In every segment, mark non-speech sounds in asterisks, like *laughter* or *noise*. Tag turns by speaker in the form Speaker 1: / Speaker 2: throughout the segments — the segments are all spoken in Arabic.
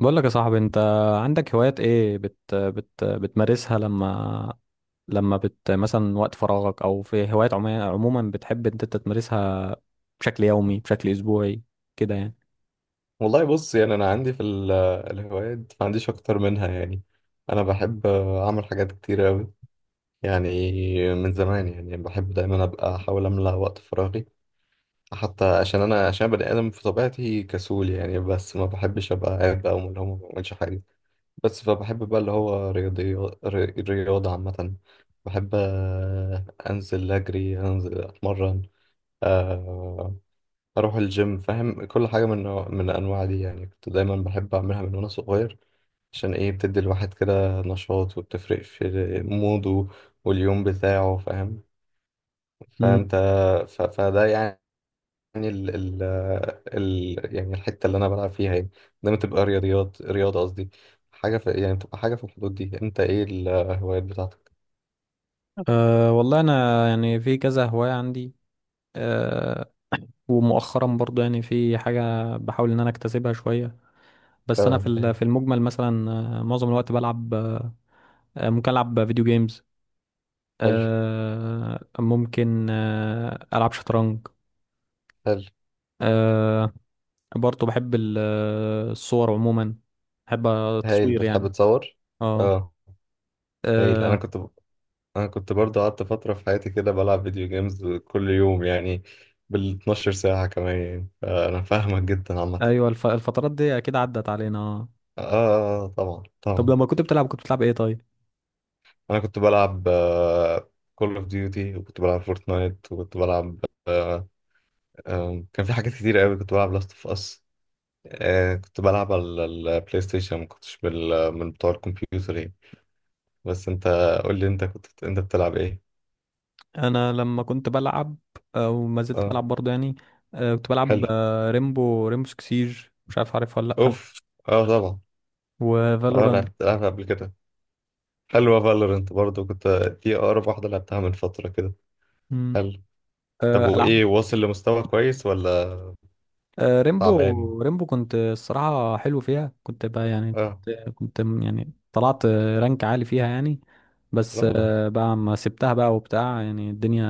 Speaker 1: بقول لك يا صاحبي، انت عندك هوايات ايه بت بت بتمارسها لما مثلا وقت فراغك، او في هوايات عموما بتحب انت تمارسها بشكل يومي بشكل اسبوعي كده يعني؟
Speaker 2: والله بص، يعني انا عندي في الهوايات، ما عنديش اكتر منها يعني. انا بحب اعمل حاجات كتير قوي يعني. من زمان يعني بحب دايما ابقى احاول املى وقت فراغي، حتى عشان بني ادم في طبيعتي كسول يعني. بس ما بحبش ابقى قاعد بقى وملهوم وما بعملش حاجه. بس فبحب بقى اللي هو رياضه عامه. بحب انزل اجري، انزل اتمرن، آه اروح الجيم، فاهم؟ كل حاجه من الانواع دي يعني كنت دايما بحب اعملها من وانا صغير. عشان ايه؟ بتدي الواحد كده نشاط وبتفرق في موده واليوم بتاعه، فاهم؟
Speaker 1: امم
Speaker 2: فانت فده يعني. ال... ال... يعني الحته اللي انا بلعب فيها يعني دايما تبقى رياضيات، رياضه قصدي. يعني تبقى حاجه في الحدود دي. انت ايه الهوايات بتاعتك؟
Speaker 1: أه، والله انا يعني في كذا هواية عندي. أه، ومؤخرا برضو يعني في حاجة بحاول ان انا اكتسبها شوية. بس انا في
Speaker 2: اه إيه.
Speaker 1: في المجمل، مثلا معظم الوقت بلعب، ممكن العب فيديو جيمز،
Speaker 2: حلو،
Speaker 1: أه ممكن العب شطرنج.
Speaker 2: حلو.
Speaker 1: أه، برضه بحب الصور عموما، بحب
Speaker 2: هايل،
Speaker 1: التصوير
Speaker 2: بتحب
Speaker 1: يعني.
Speaker 2: تصور؟
Speaker 1: اه
Speaker 2: اه، هايل. انا
Speaker 1: آه،
Speaker 2: كنت انا كنت برضو قعدت فترة في حياتي كده بلعب فيديو جيمز كل يوم يعني، بال 12 ساعة كمان يعني، فانا فاهمك جدا عامة.
Speaker 1: ايوه، الفترات دي اكيد عدت علينا.
Speaker 2: آه, آه, آه، آه، طبعا
Speaker 1: طب
Speaker 2: طبعا.
Speaker 1: لما كنت بتلعب، كنت بتلعب ايه طيب؟
Speaker 2: انا كنت بلعب كول اوف ديوتي، وكنت بلعب فورتنايت، وكنت بلعب كان في حاجات كتير قوي كنت بلعب لاست اوف اس، كنت بلعب على البلاي ستيشن، ما كنتش بال من بتوع الكمبيوتر يعني. بس انت قول لي، انت بتلعب ايه؟
Speaker 1: انا لما كنت بلعب او ما زلت
Speaker 2: اه.
Speaker 1: بلعب برضه يعني، كنت بلعب،
Speaker 2: حلو.
Speaker 1: ريمبو سكسيج. مش عارف، عارف ولا لا؟
Speaker 2: اوف، اه طبعا. اه،
Speaker 1: وفالورانت،
Speaker 2: لعبت لعبت قبل كده. حلوة فالورنت برضو، كنت دي أقرب واحدة لعبتها من فترة كده. حلو. طب
Speaker 1: العاب.
Speaker 2: وإيه، واصل لمستوى كويس ولا تعبان؟
Speaker 1: ريمبو كنت الصراحة حلو فيها، كنت بقى يعني
Speaker 2: آه.
Speaker 1: يعني طلعت رانك عالي فيها يعني.
Speaker 2: لا
Speaker 1: بس
Speaker 2: والله.
Speaker 1: بقى ما سبتها بقى وبتاع يعني، الدنيا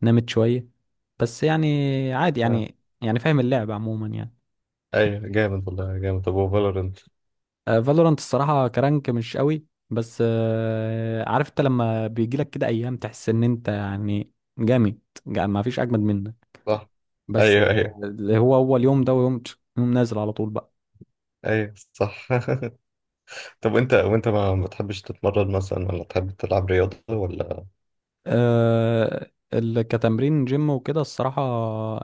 Speaker 1: نامت شوية، بس يعني عادي
Speaker 2: آه،
Speaker 1: يعني فاهم اللعب عموما يعني.
Speaker 2: أيوة جامد والله، جامد. طب وفالورنت؟
Speaker 1: فالورانت الصراحة كرانك مش قوي، بس عارف انت لما بيجيلك كده ايام تحس ان انت يعني جامد، ما فيش اجمد منك.
Speaker 2: صح.
Speaker 1: بس
Speaker 2: أيوة أيوة.
Speaker 1: هو هو اليوم ده ويوم، يوم نازل على طول بقى.
Speaker 2: أيوة، صح. *laughs* طب، وأنت ما بتحبش تتمرن مثلا، ولا تحب تلعب رياضة، ولا؟
Speaker 1: كتمرين جيم وكده الصراحة،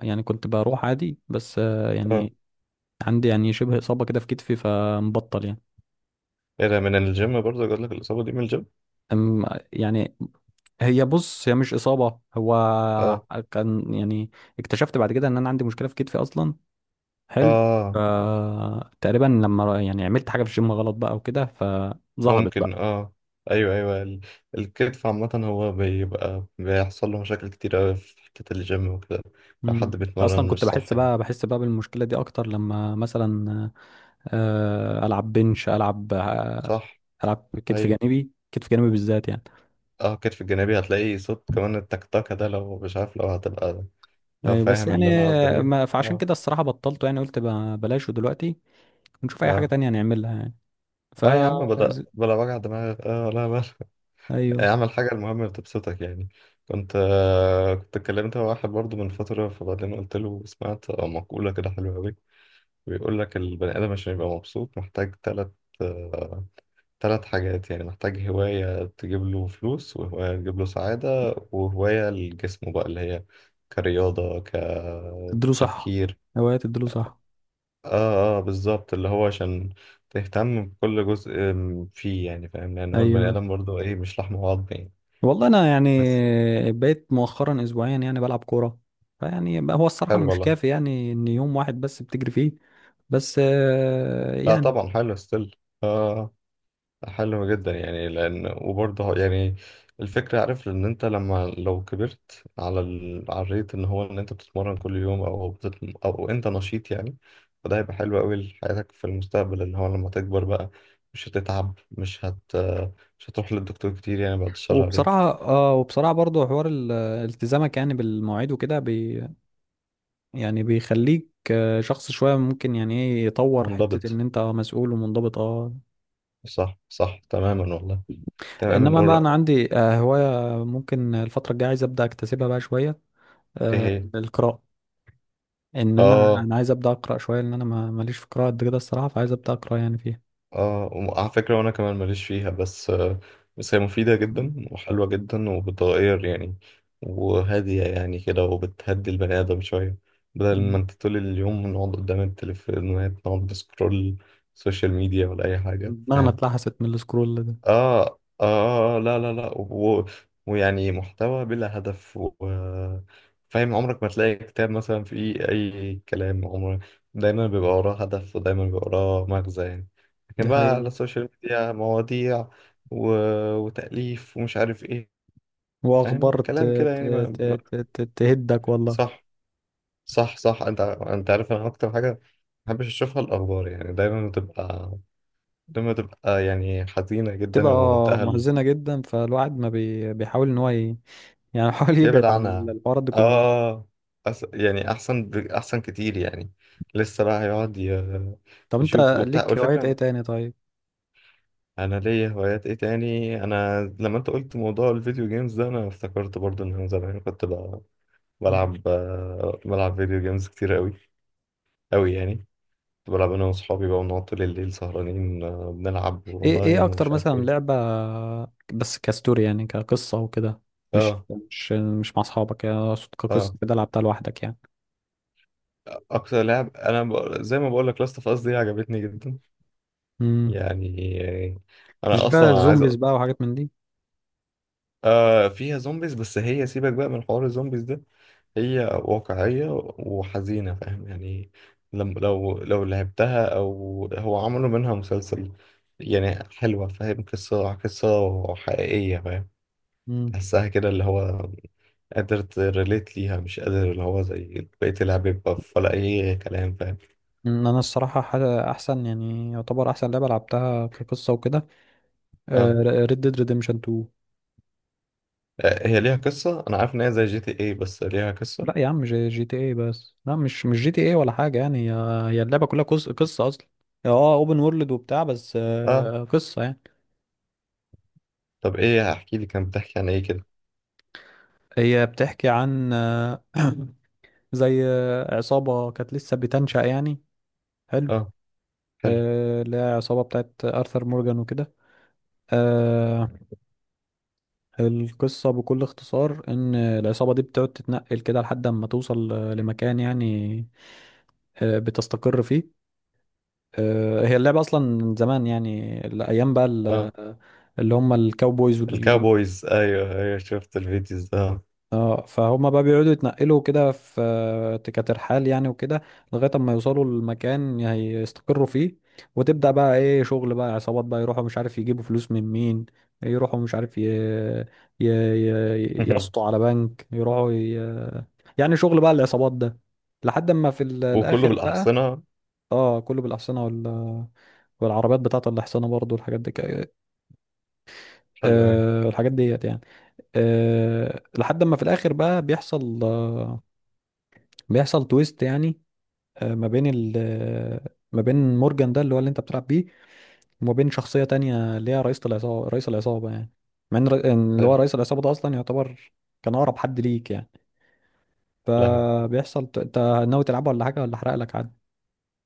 Speaker 1: يعني كنت بروح عادي، بس
Speaker 2: آه.
Speaker 1: يعني عندي يعني شبه إصابة كده في كتفي، فمبطل يعني.
Speaker 2: إيه ده، من الجيم برضو جات لك الإصابة دي، من الجيم؟
Speaker 1: يعني هي، بص، هي مش إصابة. هو
Speaker 2: آه،
Speaker 1: كان يعني اكتشفت بعد كده إن أنا عندي مشكلة في كتفي أصلا. حلو. ف-
Speaker 2: آه
Speaker 1: تقريبا لما يعني عملت حاجة في الجيم غلط بقى وكده، فظهرت
Speaker 2: ممكن،
Speaker 1: بقى.
Speaker 2: اه. ايوه ايوه، الكتف عامة هو بيبقى بيحصل له مشاكل كتير اوي في حتة الجيم وكده، لو
Speaker 1: مم.
Speaker 2: حد
Speaker 1: أصلا
Speaker 2: بيتمرن
Speaker 1: كنت
Speaker 2: مش صح
Speaker 1: بحس
Speaker 2: يعني.
Speaker 1: بقى بالمشكلة دي أكتر لما مثلا العب بنش، العب
Speaker 2: صح.
Speaker 1: العب كتف
Speaker 2: ايوه،
Speaker 1: جانبي، كتف جانبي بالذات يعني.
Speaker 2: اه، الكتف الجانبي هتلاقي صوت كمان، التكتكة ده، لو مش عارف، لو هتبقى، لو
Speaker 1: ايوه، بس
Speaker 2: فاهم اللي
Speaker 1: يعني
Speaker 2: انا قصدي عليه.
Speaker 1: ما فعشان
Speaker 2: اه
Speaker 1: كده الصراحه بطلته يعني، قلت بلاش دلوقتي، ونشوف اي حاجه
Speaker 2: اه،
Speaker 1: تانية نعملها يعني. ف
Speaker 2: اه يا عم، بلا
Speaker 1: ز-
Speaker 2: بلا وجع دماغ. اه لا لا. *laughs*
Speaker 1: ايوه،
Speaker 2: اعمل حاجة المهم اللي تبسطك يعني. كنت اتكلمت مع واحد برضه من فترة، فبعدين قلت له سمعت مقولة كده حلوة أوي. بيقول لك البني آدم عشان يبقى مبسوط محتاج آه، تلات حاجات يعني. محتاج هواية تجيب له فلوس، وهواية تجيب له سعادة، وهواية لجسمه بقى اللي هي كرياضة،
Speaker 1: تديله صح،
Speaker 2: كتفكير.
Speaker 1: هوايه تديله صح.
Speaker 2: اه اه بالظبط، اللي هو عشان تهتم بكل جزء فيه، يعني فاهم؟ لأن هو البني
Speaker 1: ايوه
Speaker 2: آدم برضه ايه، مش لحم وعظم يعني.
Speaker 1: والله انا يعني
Speaker 2: بس.
Speaker 1: بقيت مؤخرا اسبوعيا يعني بلعب كوره. فيعني بقى هو الصراحه
Speaker 2: حلو
Speaker 1: مش
Speaker 2: والله.
Speaker 1: كافي يعني ان يوم واحد بس بتجري فيه، بس
Speaker 2: لا
Speaker 1: يعني.
Speaker 2: طبعا، حلو ستيل. اه، حلو جدا يعني، لان وبرضه يعني الفكره، عارف ان انت لما لو كبرت على الريت ان هو ان انت بتتمرن كل يوم، او انت نشيط يعني، فده هيبقى حلو قوي لحياتك في المستقبل، ان هو لما تكبر بقى مش هتتعب، مش هتروح للدكتور كتير يعني، بعد الشر عليك.
Speaker 1: وبصراحة اه، برضه حوار التزامك يعني بالمواعيد وكده يعني بيخليك شخص شوية ممكن يعني ايه يطور حتة ان
Speaker 2: منضبط،
Speaker 1: انت مسؤول ومنضبط، اه.
Speaker 2: صح صح، تماما والله. تماما
Speaker 1: انما بقى انا
Speaker 2: نقول.
Speaker 1: عندي هواية ممكن الفترة الجاية عايز ابدأ اكتسبها بقى شوية،
Speaker 2: ايه هي؟
Speaker 1: القراءة. ان انا
Speaker 2: اه
Speaker 1: عايز ابدأ اقرأ شوية، لان انا ماليش في القراءة قد كده الصراحة، فعايز ابدأ اقرأ يعني فيها.
Speaker 2: اه، وعلى فكرة وانا كمان ماليش فيها، بس هي مفيدة جدا وحلوة جدا وبتغير يعني، وهادية يعني كده، وبتهدي البني آدم شوية. بدل ما
Speaker 1: مم.
Speaker 2: انت طول اليوم نقعد قدام التليفونات، نقعد نسكرول سوشيال ميديا ولا أي حاجة،
Speaker 1: دماغنا
Speaker 2: فاهم؟
Speaker 1: اتلحست من السكرول ده.
Speaker 2: آه آه آه، آه، لا لا لا، ويعني محتوى بلا هدف، فاهم، عمرك ما تلاقي كتاب مثلا فيه أي كلام. عمرك دايما بيبقى وراه هدف ودايما بيبقى وراه مغزى يعني،
Speaker 1: دي
Speaker 2: لكن بقى
Speaker 1: حقيقة.
Speaker 2: على السوشيال ميديا مواضيع و... وتأليف ومش عارف إيه،
Speaker 1: واخبار
Speaker 2: فاهم كلام كده يعني
Speaker 1: تهدك والله.
Speaker 2: صح صح، صح. أنت عارف، أنا أكتر حاجة ما بحبش أشوفها الأخبار يعني، دايما بتبقى يعني حزينة جدا
Speaker 1: تبقى
Speaker 2: ومنتهى.
Speaker 1: محزنة جدا، فالواحد ما بي... بيحاول ان هو يعني *laughs* بيحاول
Speaker 2: يبعد
Speaker 1: يبعد عن
Speaker 2: عنها.
Speaker 1: الحوارات دي كلها.
Speaker 2: اه، يعني احسن، احسن كتير يعني. لسه بقى هيقعد
Speaker 1: طب انت
Speaker 2: يشوف وبتاع.
Speaker 1: ليك هوايات ايه
Speaker 2: والفكره،
Speaker 1: تاني طيب؟
Speaker 2: انا ليا هوايات ايه تاني؟ انا لما انت قلت موضوع الفيديو جيمز ده، انا افتكرت برضو ان انا زمان كنت ب...
Speaker 1: مم.
Speaker 2: بلعب آه، بلعب فيديو جيمز كتير قوي، قوي يعني. كنت بلعب انا واصحابي بقى ونقعد طول الليل سهرانين، بنلعب
Speaker 1: ايه
Speaker 2: اونلاين
Speaker 1: اكتر
Speaker 2: ومش عارف
Speaker 1: مثلا
Speaker 2: ايه.
Speaker 1: لعبة، بس كستوري يعني كقصة وكده، مش
Speaker 2: اه.
Speaker 1: مش مش مع اصحابك يعني، اقصد كقصة
Speaker 2: اه،
Speaker 1: كده لعبتها لوحدك يعني.
Speaker 2: اكتر لعب انا، زي ما بقول لك، لاست اوف اس دي عجبتني جدا
Speaker 1: مم.
Speaker 2: يعني.
Speaker 1: مش
Speaker 2: انا اصلا
Speaker 1: بقى
Speaker 2: عايز
Speaker 1: زومبيز بقى وحاجات من دي؟
Speaker 2: آه، فيها زومبيز، بس هي سيبك بقى من حوار الزومبيز ده. هي واقعية وحزينة، فاهم يعني؟ لم... لو لعبتها، او هو عملوا منها مسلسل يعني. حلوة فاهم، قصة حقيقية، فاهم؟
Speaker 1: مم.
Speaker 2: تحسها كده اللي هو قادر تريليت ليها، مش قادر اللي هو زي بقية اللعب، يبقى ولا أي كلام، فاهم؟
Speaker 1: انا الصراحة احسن يعني يعتبر احسن لعبة لعبتها كقصة وكده،
Speaker 2: اه.
Speaker 1: ريد ديد ريديمشن 2.
Speaker 2: آه، هي ليها قصة. أنا عارف إن هي زي GTA، بس ليها قصة.
Speaker 1: لا يا عم، جي تي ايه بس. لا، مش جي تي ايه ولا حاجة، يعني هي اللعبة كلها قصة، قصة أصلا. هي، اه، اوبن وورلد وبتاع، بس
Speaker 2: آه،
Speaker 1: قصة يعني.
Speaker 2: طب ايه، هحكي لي، كان بتحكي عن ايه كده؟
Speaker 1: هي بتحكي عن زي عصابة كانت لسه بتنشأ يعني. حلو.
Speaker 2: اه. حلو.
Speaker 1: اللي هي عصابة بتاعت آرثر مورجان وكده. آه، القصة بكل اختصار إن العصابة دي بتقعد تتنقل كده لحد ما توصل لمكان يعني، بتستقر فيه. هي اللعبة أصلا من زمان يعني، الأيام بقى
Speaker 2: اه،
Speaker 1: اللي هم الكاوبويز
Speaker 2: الكاوبويز، ايوه ايوه، شفت الفيديوز ده. آه.
Speaker 1: اه، فهم بقى بيقعدوا يتنقلوا كده في كترحال يعني وكده، لغاية اما يوصلوا للمكان هيستقروا فيه. وتبدأ بقى ايه شغل بقى عصابات بقى، يروحوا مش عارف يجيبوا فلوس من مين، يروحوا مش عارف يسطوا
Speaker 2: *laughs*
Speaker 1: على بنك، يروحوا يعني شغل بقى العصابات ده، لحد ما في
Speaker 2: وكله
Speaker 1: الاخر بقى.
Speaker 2: بالاحصنه.
Speaker 1: اه، كله بالاحصنة والعربيات بتاعت الاحصنة برضو، الحاجات دي
Speaker 2: حلو، ايوه.
Speaker 1: الحاجات ديت يعني. أه، لحد ما في الاخر بقى بيحصل، بيحصل تويست يعني. أه، ما بين ال آه، ما بين مورجان ده، اللي هو اللي انت بتلعب بيه، وما بين شخصية تانية، اللي هي رئيس العصابة يعني. مع ان إن اللي هو
Speaker 2: حلو.
Speaker 1: رئيس العصابة ده اصلا يعتبر كان اقرب حد ليك يعني.
Speaker 2: لهوي.
Speaker 1: فبيحصل انت ناوي تلعبه ولا حاجة، ولا احرق لك عادي؟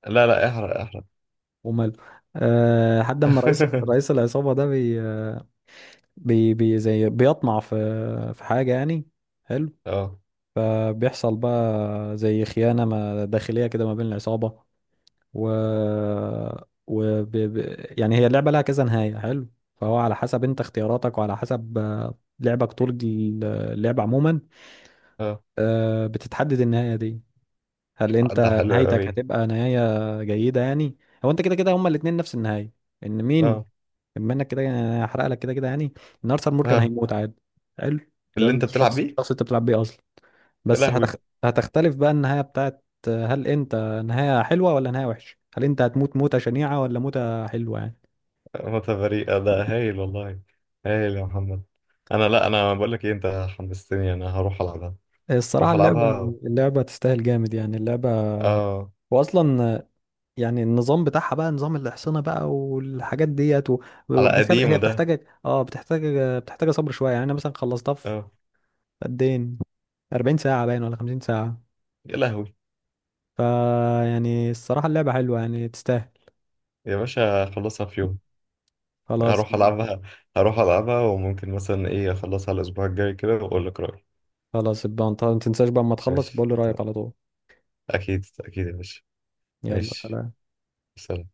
Speaker 2: لا لا، احرق احرق.
Speaker 1: وماله. أه، لحد ما رئيس
Speaker 2: *laughs*
Speaker 1: العصابة ده بي بي, بي زي بيطمع في حاجة يعني. حلو.
Speaker 2: اه
Speaker 1: فبيحصل بقى زي خيانة ما داخلية كده ما بين العصابة و, يعني هي اللعبة لها كذا نهاية. حلو. فهو على حسب انت اختياراتك، وعلى حسب لعبك طول اللعب عموما،
Speaker 2: اه،
Speaker 1: بتتحدد النهاية دي. هل انت
Speaker 2: ده حلو
Speaker 1: نهايتك
Speaker 2: قوي.
Speaker 1: هتبقى نهاية جيدة يعني. هو انت كده كده هما الاتنين نفس النهاية، ان مين،
Speaker 2: اه
Speaker 1: بما انك كده يعني هحرق لك كده كده يعني، ان ارثر مورجان
Speaker 2: اه.
Speaker 1: هيموت عادي. حلو، اللي هو
Speaker 2: اللي انت
Speaker 1: الشخص،
Speaker 2: بتلعب بيه.
Speaker 1: اللي انت بتلعب بيه اصلا.
Speaker 2: يا
Speaker 1: بس
Speaker 2: لهوي.
Speaker 1: هتختلف بقى النهاية بتاعت هل انت نهاية حلوة ولا نهاية وحشة؟ هل انت هتموت موتة شنيعة ولا موتة حلوة يعني؟
Speaker 2: متفريقه ده، هايل والله. هايل يا محمد. انا لا انا بقول لك ايه، انت حمستني. انا هروح العبها،
Speaker 1: الصراحة
Speaker 2: هروح
Speaker 1: اللعبة،
Speaker 2: العبها.
Speaker 1: تستاهل جامد يعني. اللعبة
Speaker 2: اه،
Speaker 1: واصلا يعني، النظام بتاعها بقى نظام الاحصنه بقى والحاجات ديت
Speaker 2: على
Speaker 1: بس هي
Speaker 2: قديمه
Speaker 1: هي
Speaker 2: ده.
Speaker 1: بتحتاج، بتحتاج صبر شويه يعني. انا مثلا خلصتها في
Speaker 2: اه.
Speaker 1: قد ايه، 40 ساعه باين ولا 50 ساعه.
Speaker 2: يا لهوي.
Speaker 1: ف يعني الصراحه اللعبه حلوه يعني تستاهل.
Speaker 2: يا باشا، خلصها في يوم.
Speaker 1: خلاص.
Speaker 2: هروح ألعبها، هروح ألعبها، وممكن مثلا إيه أخلصها الأسبوع الجاي كده وأقول لك رأيي.
Speaker 1: خلاص، يبقى انت ما تنساش بقى اما تخلص
Speaker 2: ماشي
Speaker 1: بقول لي رايك
Speaker 2: تمام.
Speaker 1: على طول.
Speaker 2: أكيد أكيد يا باشا.
Speaker 1: يلا،
Speaker 2: ماشي.
Speaker 1: سلام.
Speaker 2: سلام.